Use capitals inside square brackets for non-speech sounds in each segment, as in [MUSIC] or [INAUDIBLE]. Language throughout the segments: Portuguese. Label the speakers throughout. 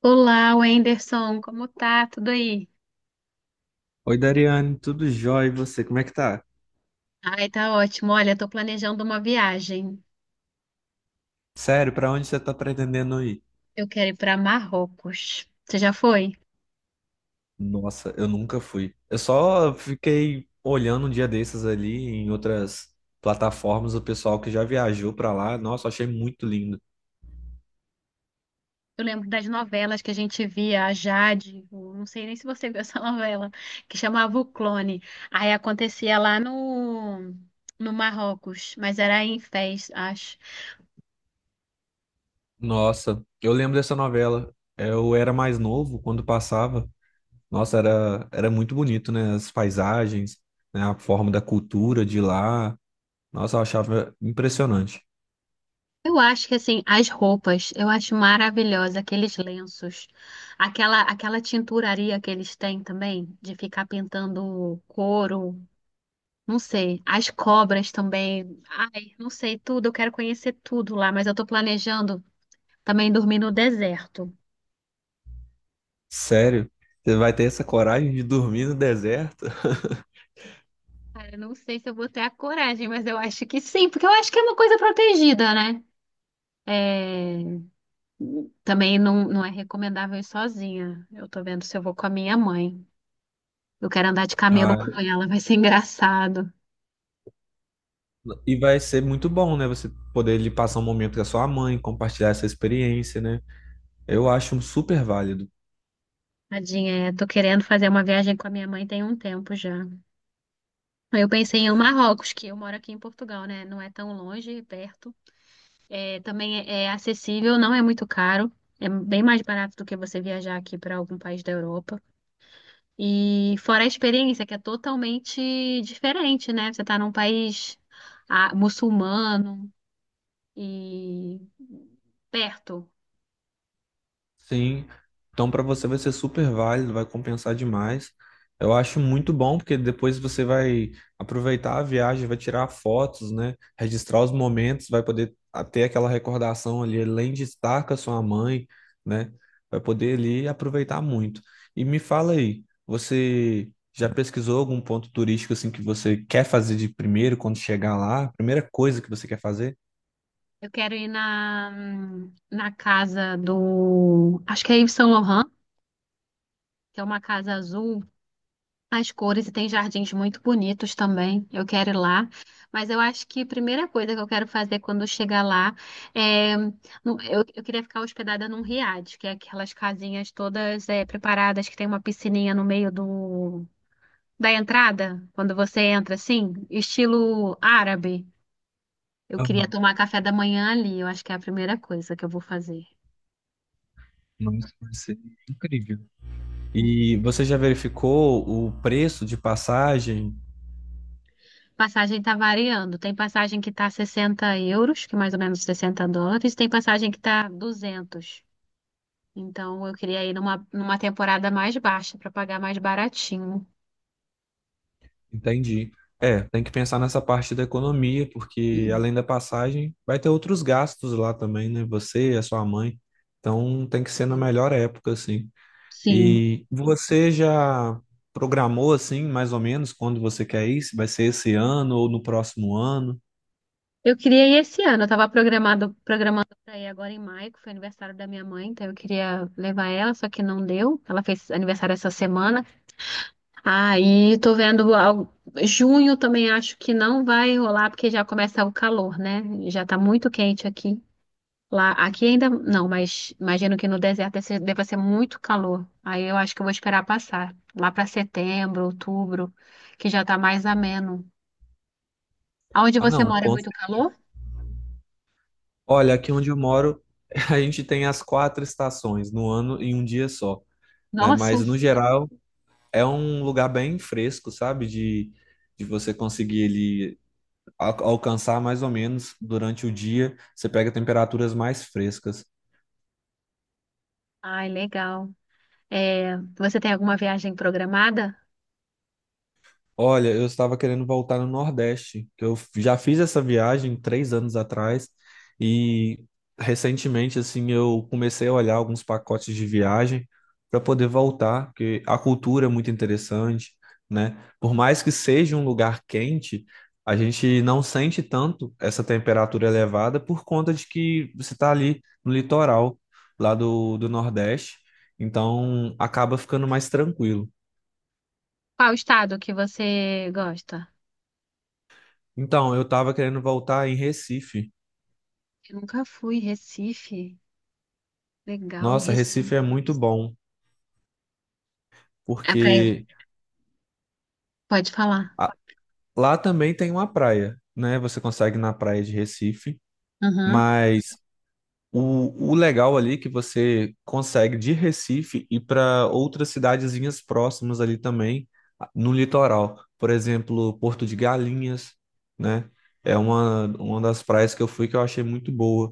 Speaker 1: Olá, Wenderson, como tá? Tudo aí?
Speaker 2: Oi, Dariane, tudo jóia? E você, como é que tá?
Speaker 1: Ai, tá ótimo. Olha, tô planejando uma viagem.
Speaker 2: Sério, pra onde você tá pretendendo ir?
Speaker 1: Eu quero ir para Marrocos. Você já foi?
Speaker 2: Nossa, eu nunca fui. Eu só fiquei olhando um dia desses ali em outras plataformas, o pessoal que já viajou pra lá. Nossa, achei muito lindo.
Speaker 1: Eu lembro das novelas que a gente via, a Jade, eu não sei nem se você viu essa [LAUGHS] novela, que chamava O Clone. Aí acontecia lá no, no Marrocos, mas era em Fez, acho.
Speaker 2: Nossa, eu lembro dessa novela. Eu era mais novo quando passava. Nossa, era muito bonito, né? As paisagens, né? A forma da cultura de lá. Nossa, eu achava impressionante.
Speaker 1: Eu acho que assim, as roupas, eu acho maravilhosa aqueles lenços, aquela tinturaria que eles têm também, de ficar pintando couro, não sei, as cobras também. Ai, não sei tudo, eu quero conhecer tudo lá, mas eu tô planejando também dormir no deserto.
Speaker 2: Sério, você vai ter essa coragem de dormir no deserto?
Speaker 1: Cara, eu não sei se eu vou ter a coragem, mas eu acho que sim, porque eu acho que é uma coisa protegida, né? É, também não é recomendável ir sozinha. Eu tô vendo se eu vou com a minha mãe. Eu quero andar de camelo
Speaker 2: Ah,
Speaker 1: com ela, vai ser engraçado.
Speaker 2: e vai ser muito bom, né? Você poder lhe passar um momento com a sua mãe, compartilhar essa experiência, né? Eu acho super válido.
Speaker 1: Tadinha, é, tô querendo fazer uma viagem com a minha mãe tem um tempo já. Eu pensei em Marrocos, que eu moro aqui em Portugal, né? Não é tão longe, é perto. É, também é, é acessível, não é muito caro. É bem mais barato do que você viajar aqui para algum país da Europa. E fora a experiência, que é totalmente diferente, né? Você tá num país, ah, muçulmano e perto.
Speaker 2: Sim, então para você vai ser super válido, vai compensar demais. Eu acho muito bom, porque depois você vai aproveitar a viagem, vai tirar fotos, né? Registrar os momentos, vai poder ter aquela recordação ali, além de estar com a sua mãe, né? Vai poder ali aproveitar muito. E me fala aí, você já pesquisou algum ponto turístico assim que você quer fazer de primeiro quando chegar lá? Primeira coisa que você quer fazer?
Speaker 1: Eu quero ir na casa do. Acho que é Yves Saint Laurent, que é uma casa azul, as cores e tem jardins muito bonitos também. Eu quero ir lá. Mas eu acho que a primeira coisa que eu quero fazer quando eu chegar lá é. Eu queria ficar hospedada num riad, que é aquelas casinhas todas é, preparadas que tem uma piscininha no meio da entrada, quando você entra assim, estilo árabe. Eu queria
Speaker 2: Aham.
Speaker 1: tomar café da manhã ali. Eu acho que é a primeira coisa que eu vou fazer.
Speaker 2: Nossa, vai ser incrível. E você já verificou o preço de passagem?
Speaker 1: Passagem tá variando. Tem passagem que tá 60 euros, que é mais ou menos 60 dólares, tem passagem que tá 200. Então eu queria ir numa temporada mais baixa para pagar mais baratinho.
Speaker 2: Entendi. É, tem que pensar nessa parte da economia, porque
Speaker 1: Hum.
Speaker 2: além da passagem, vai ter outros gastos lá também, né? Você, e a sua mãe. Então tem que ser na
Speaker 1: Sim.
Speaker 2: melhor época, assim.
Speaker 1: Sim.
Speaker 2: E você já programou, assim, mais ou menos, quando você quer ir? Se vai ser esse ano ou no próximo ano?
Speaker 1: Eu queria ir esse ano. Eu tava programando para ir agora em maio, que foi aniversário da minha mãe, então eu queria levar ela, só que não deu. Ela fez aniversário essa semana. Aí tô vendo algo- Junho também acho que não vai rolar, porque já começa o calor, né? Já tá muito quente aqui. Lá, aqui ainda não, mas imagino que no deserto deva ser muito calor. Aí eu acho que eu vou esperar passar. Lá para setembro, outubro, que já tá mais ameno. Aonde
Speaker 2: Ah,
Speaker 1: você
Speaker 2: não.
Speaker 1: mora é muito calor?
Speaker 2: Olha, aqui onde eu moro, [LAUGHS] a gente tem as quatro estações no ano em um dia só, né?
Speaker 1: Nossa!
Speaker 2: Mas no geral, é um lugar bem fresco, sabe? De você conseguir ele alcançar mais ou menos durante o dia, você pega temperaturas mais frescas.
Speaker 1: Ai, legal. É, você tem alguma viagem programada?
Speaker 2: Olha, eu estava querendo voltar no Nordeste, que eu já fiz essa viagem 3 anos atrás e recentemente, assim, eu comecei a olhar alguns pacotes de viagem para poder voltar, porque a cultura é muito interessante, né? Por mais que seja um lugar quente, a gente não sente tanto essa temperatura elevada por conta de que você está ali no litoral lá do Nordeste, então acaba ficando mais tranquilo.
Speaker 1: Qual estado que você gosta?
Speaker 2: Então, eu tava querendo voltar em Recife.
Speaker 1: Eu nunca fui, Recife. Legal,
Speaker 2: Nossa,
Speaker 1: Recife.
Speaker 2: Recife é muito bom,
Speaker 1: É praia.
Speaker 2: porque
Speaker 1: Pode falar.
Speaker 2: a- lá também tem uma praia, né? Você consegue ir na praia de Recife,
Speaker 1: Uhum.
Speaker 2: mas o legal ali é que você consegue de Recife ir para outras cidadezinhas próximas ali também, no litoral. Por exemplo, Porto de Galinhas, né? É uma das praias que eu fui que eu achei muito boa.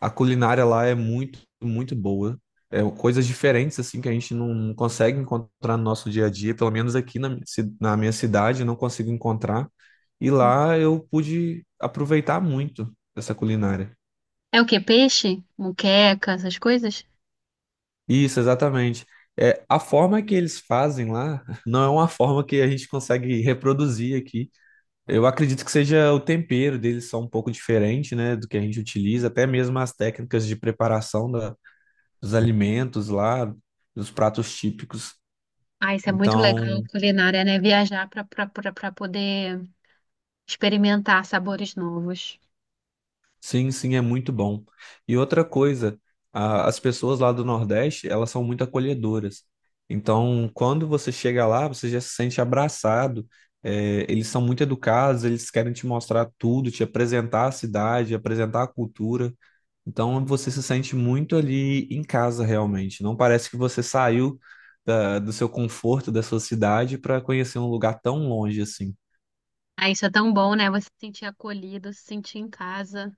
Speaker 2: A culinária lá é muito, muito boa. É coisas diferentes assim que a gente não consegue encontrar no nosso dia a dia, pelo menos aqui na, na minha cidade eu não consigo encontrar. E lá eu pude aproveitar muito essa culinária.
Speaker 1: É o quê? Peixe? Muqueca, essas coisas?
Speaker 2: Isso, exatamente. É, a forma que eles fazem lá [LAUGHS] não é uma forma que a gente consegue reproduzir aqui. Eu acredito que seja o tempero deles são um pouco diferente, né, do que a gente utiliza, até mesmo as técnicas de preparação da, dos alimentos lá, dos pratos típicos.
Speaker 1: Ah, isso é muito
Speaker 2: Então,
Speaker 1: legal, culinária, né? Viajar para poder experimentar sabores novos.
Speaker 2: sim, sim, é muito bom. E outra coisa, as pessoas lá do Nordeste, elas são muito acolhedoras. Então, quando você chega lá, você já se sente abraçado. É, eles são muito educados, eles querem te mostrar tudo, te apresentar a cidade, apresentar a cultura. Então, você se sente muito ali em casa, realmente. Não parece que você saiu do seu conforto, da sua cidade, para conhecer um lugar tão longe assim.
Speaker 1: Ah, isso é tão bom, né? Você se sentir acolhido, se sentir em casa.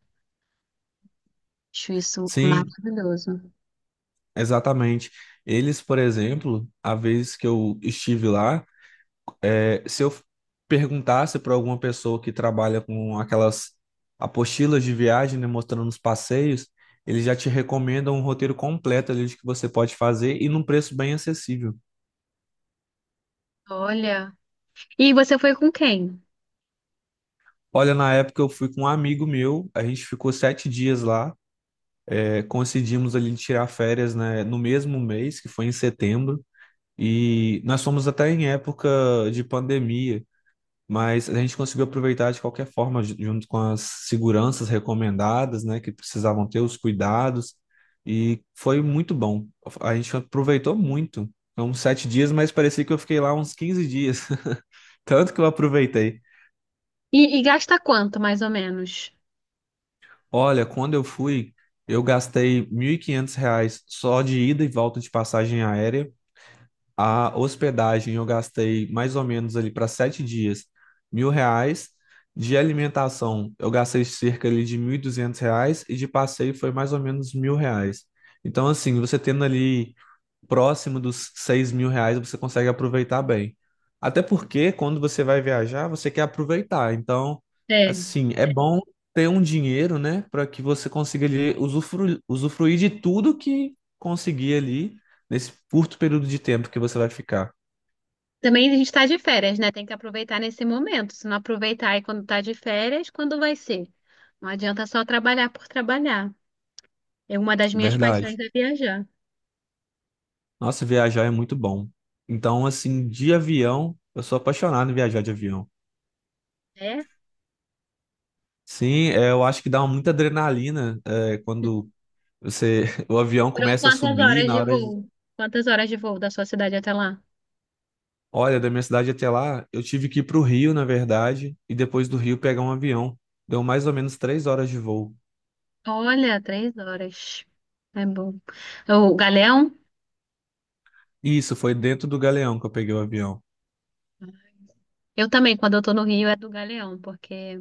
Speaker 1: Acho isso
Speaker 2: Sim,
Speaker 1: maravilhoso.
Speaker 2: exatamente. Eles, por exemplo, a vez que eu estive lá, é, se eu perguntasse para alguma pessoa que trabalha com aquelas apostilas de viagem, né, mostrando os passeios, eles já te recomendam um roteiro completo ali de que você pode fazer e num preço bem acessível.
Speaker 1: Olha. E você foi com quem?
Speaker 2: Olha, na época eu fui com um amigo meu, a gente ficou 7 dias lá, é, conseguimos ali tirar férias, né, no mesmo mês, que foi em setembro, e nós fomos até em época de pandemia. Mas a gente conseguiu aproveitar de qualquer forma, junto com as seguranças recomendadas, né, que precisavam ter os cuidados, e foi muito bom. A gente aproveitou muito. São sete dias, mas parecia que eu fiquei lá uns 15 dias, [LAUGHS] tanto que eu aproveitei.
Speaker 1: E gasta quanto, mais ou menos?
Speaker 2: Olha, quando eu fui, eu gastei R$ 1.500 só de ida e volta de passagem aérea. A hospedagem eu gastei mais ou menos ali para 7 dias, R$ 1.000. De alimentação eu gastei cerca ali de R$ 1.200 e de passeio foi mais ou menos R$ 1.000. Então, assim, você tendo ali próximo dos R$ 6.000 você consegue aproveitar bem. Até porque quando você vai viajar, você quer aproveitar. Então,
Speaker 1: É.
Speaker 2: assim, é bom ter um dinheiro, né, para que você consiga ali usufruir de tudo que conseguir ali nesse curto período de tempo que você vai ficar.
Speaker 1: Também a gente tá de férias, né? Tem que aproveitar nesse momento. Se não aproveitar aí quando tá de férias, quando vai ser? Não adianta só trabalhar por trabalhar. É uma das minhas
Speaker 2: Verdade.
Speaker 1: paixões é viajar.
Speaker 2: Nossa, viajar é muito bom. Então, assim, de avião, eu sou apaixonado em viajar de avião.
Speaker 1: É?
Speaker 2: Sim, é, eu acho que dá muita adrenalina, é, quando você, [LAUGHS] o avião
Speaker 1: Foram
Speaker 2: começa a
Speaker 1: quantas
Speaker 2: subir
Speaker 1: horas
Speaker 2: na
Speaker 1: de
Speaker 2: hora.
Speaker 1: voo? Quantas horas de voo da sua cidade até lá?
Speaker 2: Olha, da minha cidade até lá, eu tive que ir para o Rio, na verdade, e depois do Rio pegar um avião. Deu mais ou menos 3 horas de voo.
Speaker 1: Olha, 3 horas. É bom. O Galeão?
Speaker 2: E isso foi dentro do Galeão que eu peguei o avião.
Speaker 1: Eu também, quando eu tô no Rio, é do Galeão, porque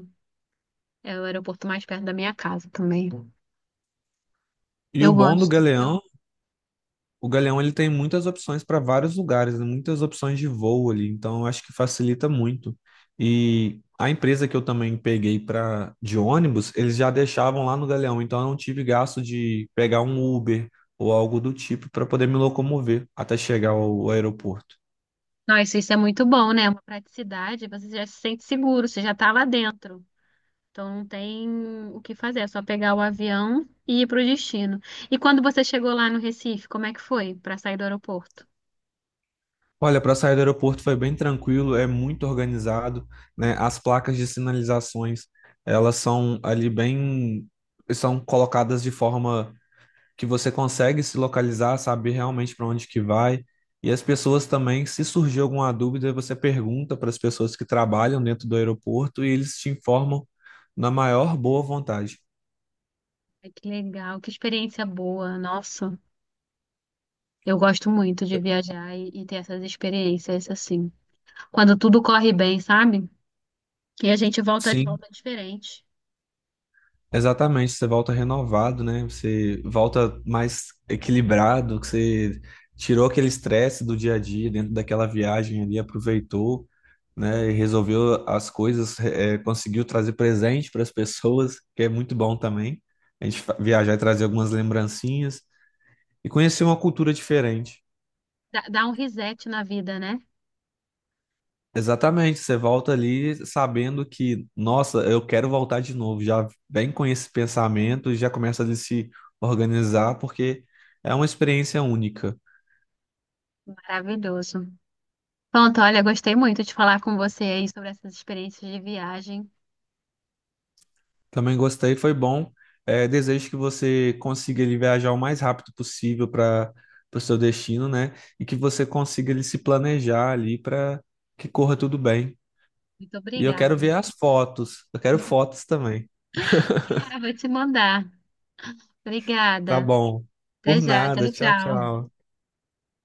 Speaker 1: é o aeroporto mais perto da minha casa também.
Speaker 2: E o
Speaker 1: Eu
Speaker 2: bom do
Speaker 1: gosto.
Speaker 2: Galeão, o Galeão ele tem muitas opções para vários lugares, né? Muitas opções de voo ali, então eu acho que facilita muito. E a empresa que eu também peguei para de ônibus, eles já deixavam lá no Galeão, então eu não tive gasto de pegar um Uber ou algo do tipo para poder me locomover até chegar ao aeroporto.
Speaker 1: Nossa, isso é muito bom, né? É uma praticidade, você já se sente seguro, você já tá lá dentro. Então não tem o que fazer, é só pegar o avião e ir pro destino. E quando você chegou lá no Recife, como é que foi para sair do aeroporto?
Speaker 2: Olha, para sair do aeroporto foi bem tranquilo, é muito organizado, né? As placas de sinalizações, elas são ali bem, são colocadas de forma que você consegue se localizar, saber realmente para onde que vai. E as pessoas também, se surgir alguma dúvida, você pergunta para as pessoas que trabalham dentro do aeroporto e eles te informam na maior boa vontade.
Speaker 1: Ai, que legal, que experiência boa, nossa. Eu gosto muito de viajar e ter essas experiências assim. Quando tudo corre bem, sabe? E a gente volta,
Speaker 2: Sim.
Speaker 1: volta diferente.
Speaker 2: Exatamente, você volta renovado, né? Você volta mais equilibrado, que você tirou aquele estresse do dia a dia dentro daquela viagem ali, aproveitou, né? E resolveu as coisas, conseguiu trazer presente para as pessoas, [LAUGHS] que é muito bom também. A gente viajar e trazer algumas lembrancinhas e conhecer uma cultura diferente.
Speaker 1: Dá um reset na vida, né?
Speaker 2: Exatamente, você volta ali sabendo que, nossa, eu quero voltar de novo. Já vem com esse pensamento e já começa a se organizar, porque é uma experiência única.
Speaker 1: Maravilhoso. Pronto, olha, gostei muito de falar com você aí sobre essas experiências de viagem.
Speaker 2: Também gostei, foi bom. É, desejo que você consiga ele viajar o mais rápido possível para o seu destino, né? E que você consiga ele se planejar ali para que corra tudo bem.
Speaker 1: Muito
Speaker 2: E eu
Speaker 1: obrigada.
Speaker 2: quero ver as fotos, eu quero fotos também.
Speaker 1: Ah, vou te mandar.
Speaker 2: Tá
Speaker 1: Obrigada.
Speaker 2: bom.
Speaker 1: Até
Speaker 2: Por
Speaker 1: já.
Speaker 2: nada,
Speaker 1: Tchau,
Speaker 2: tchau,
Speaker 1: tchau.
Speaker 2: tchau.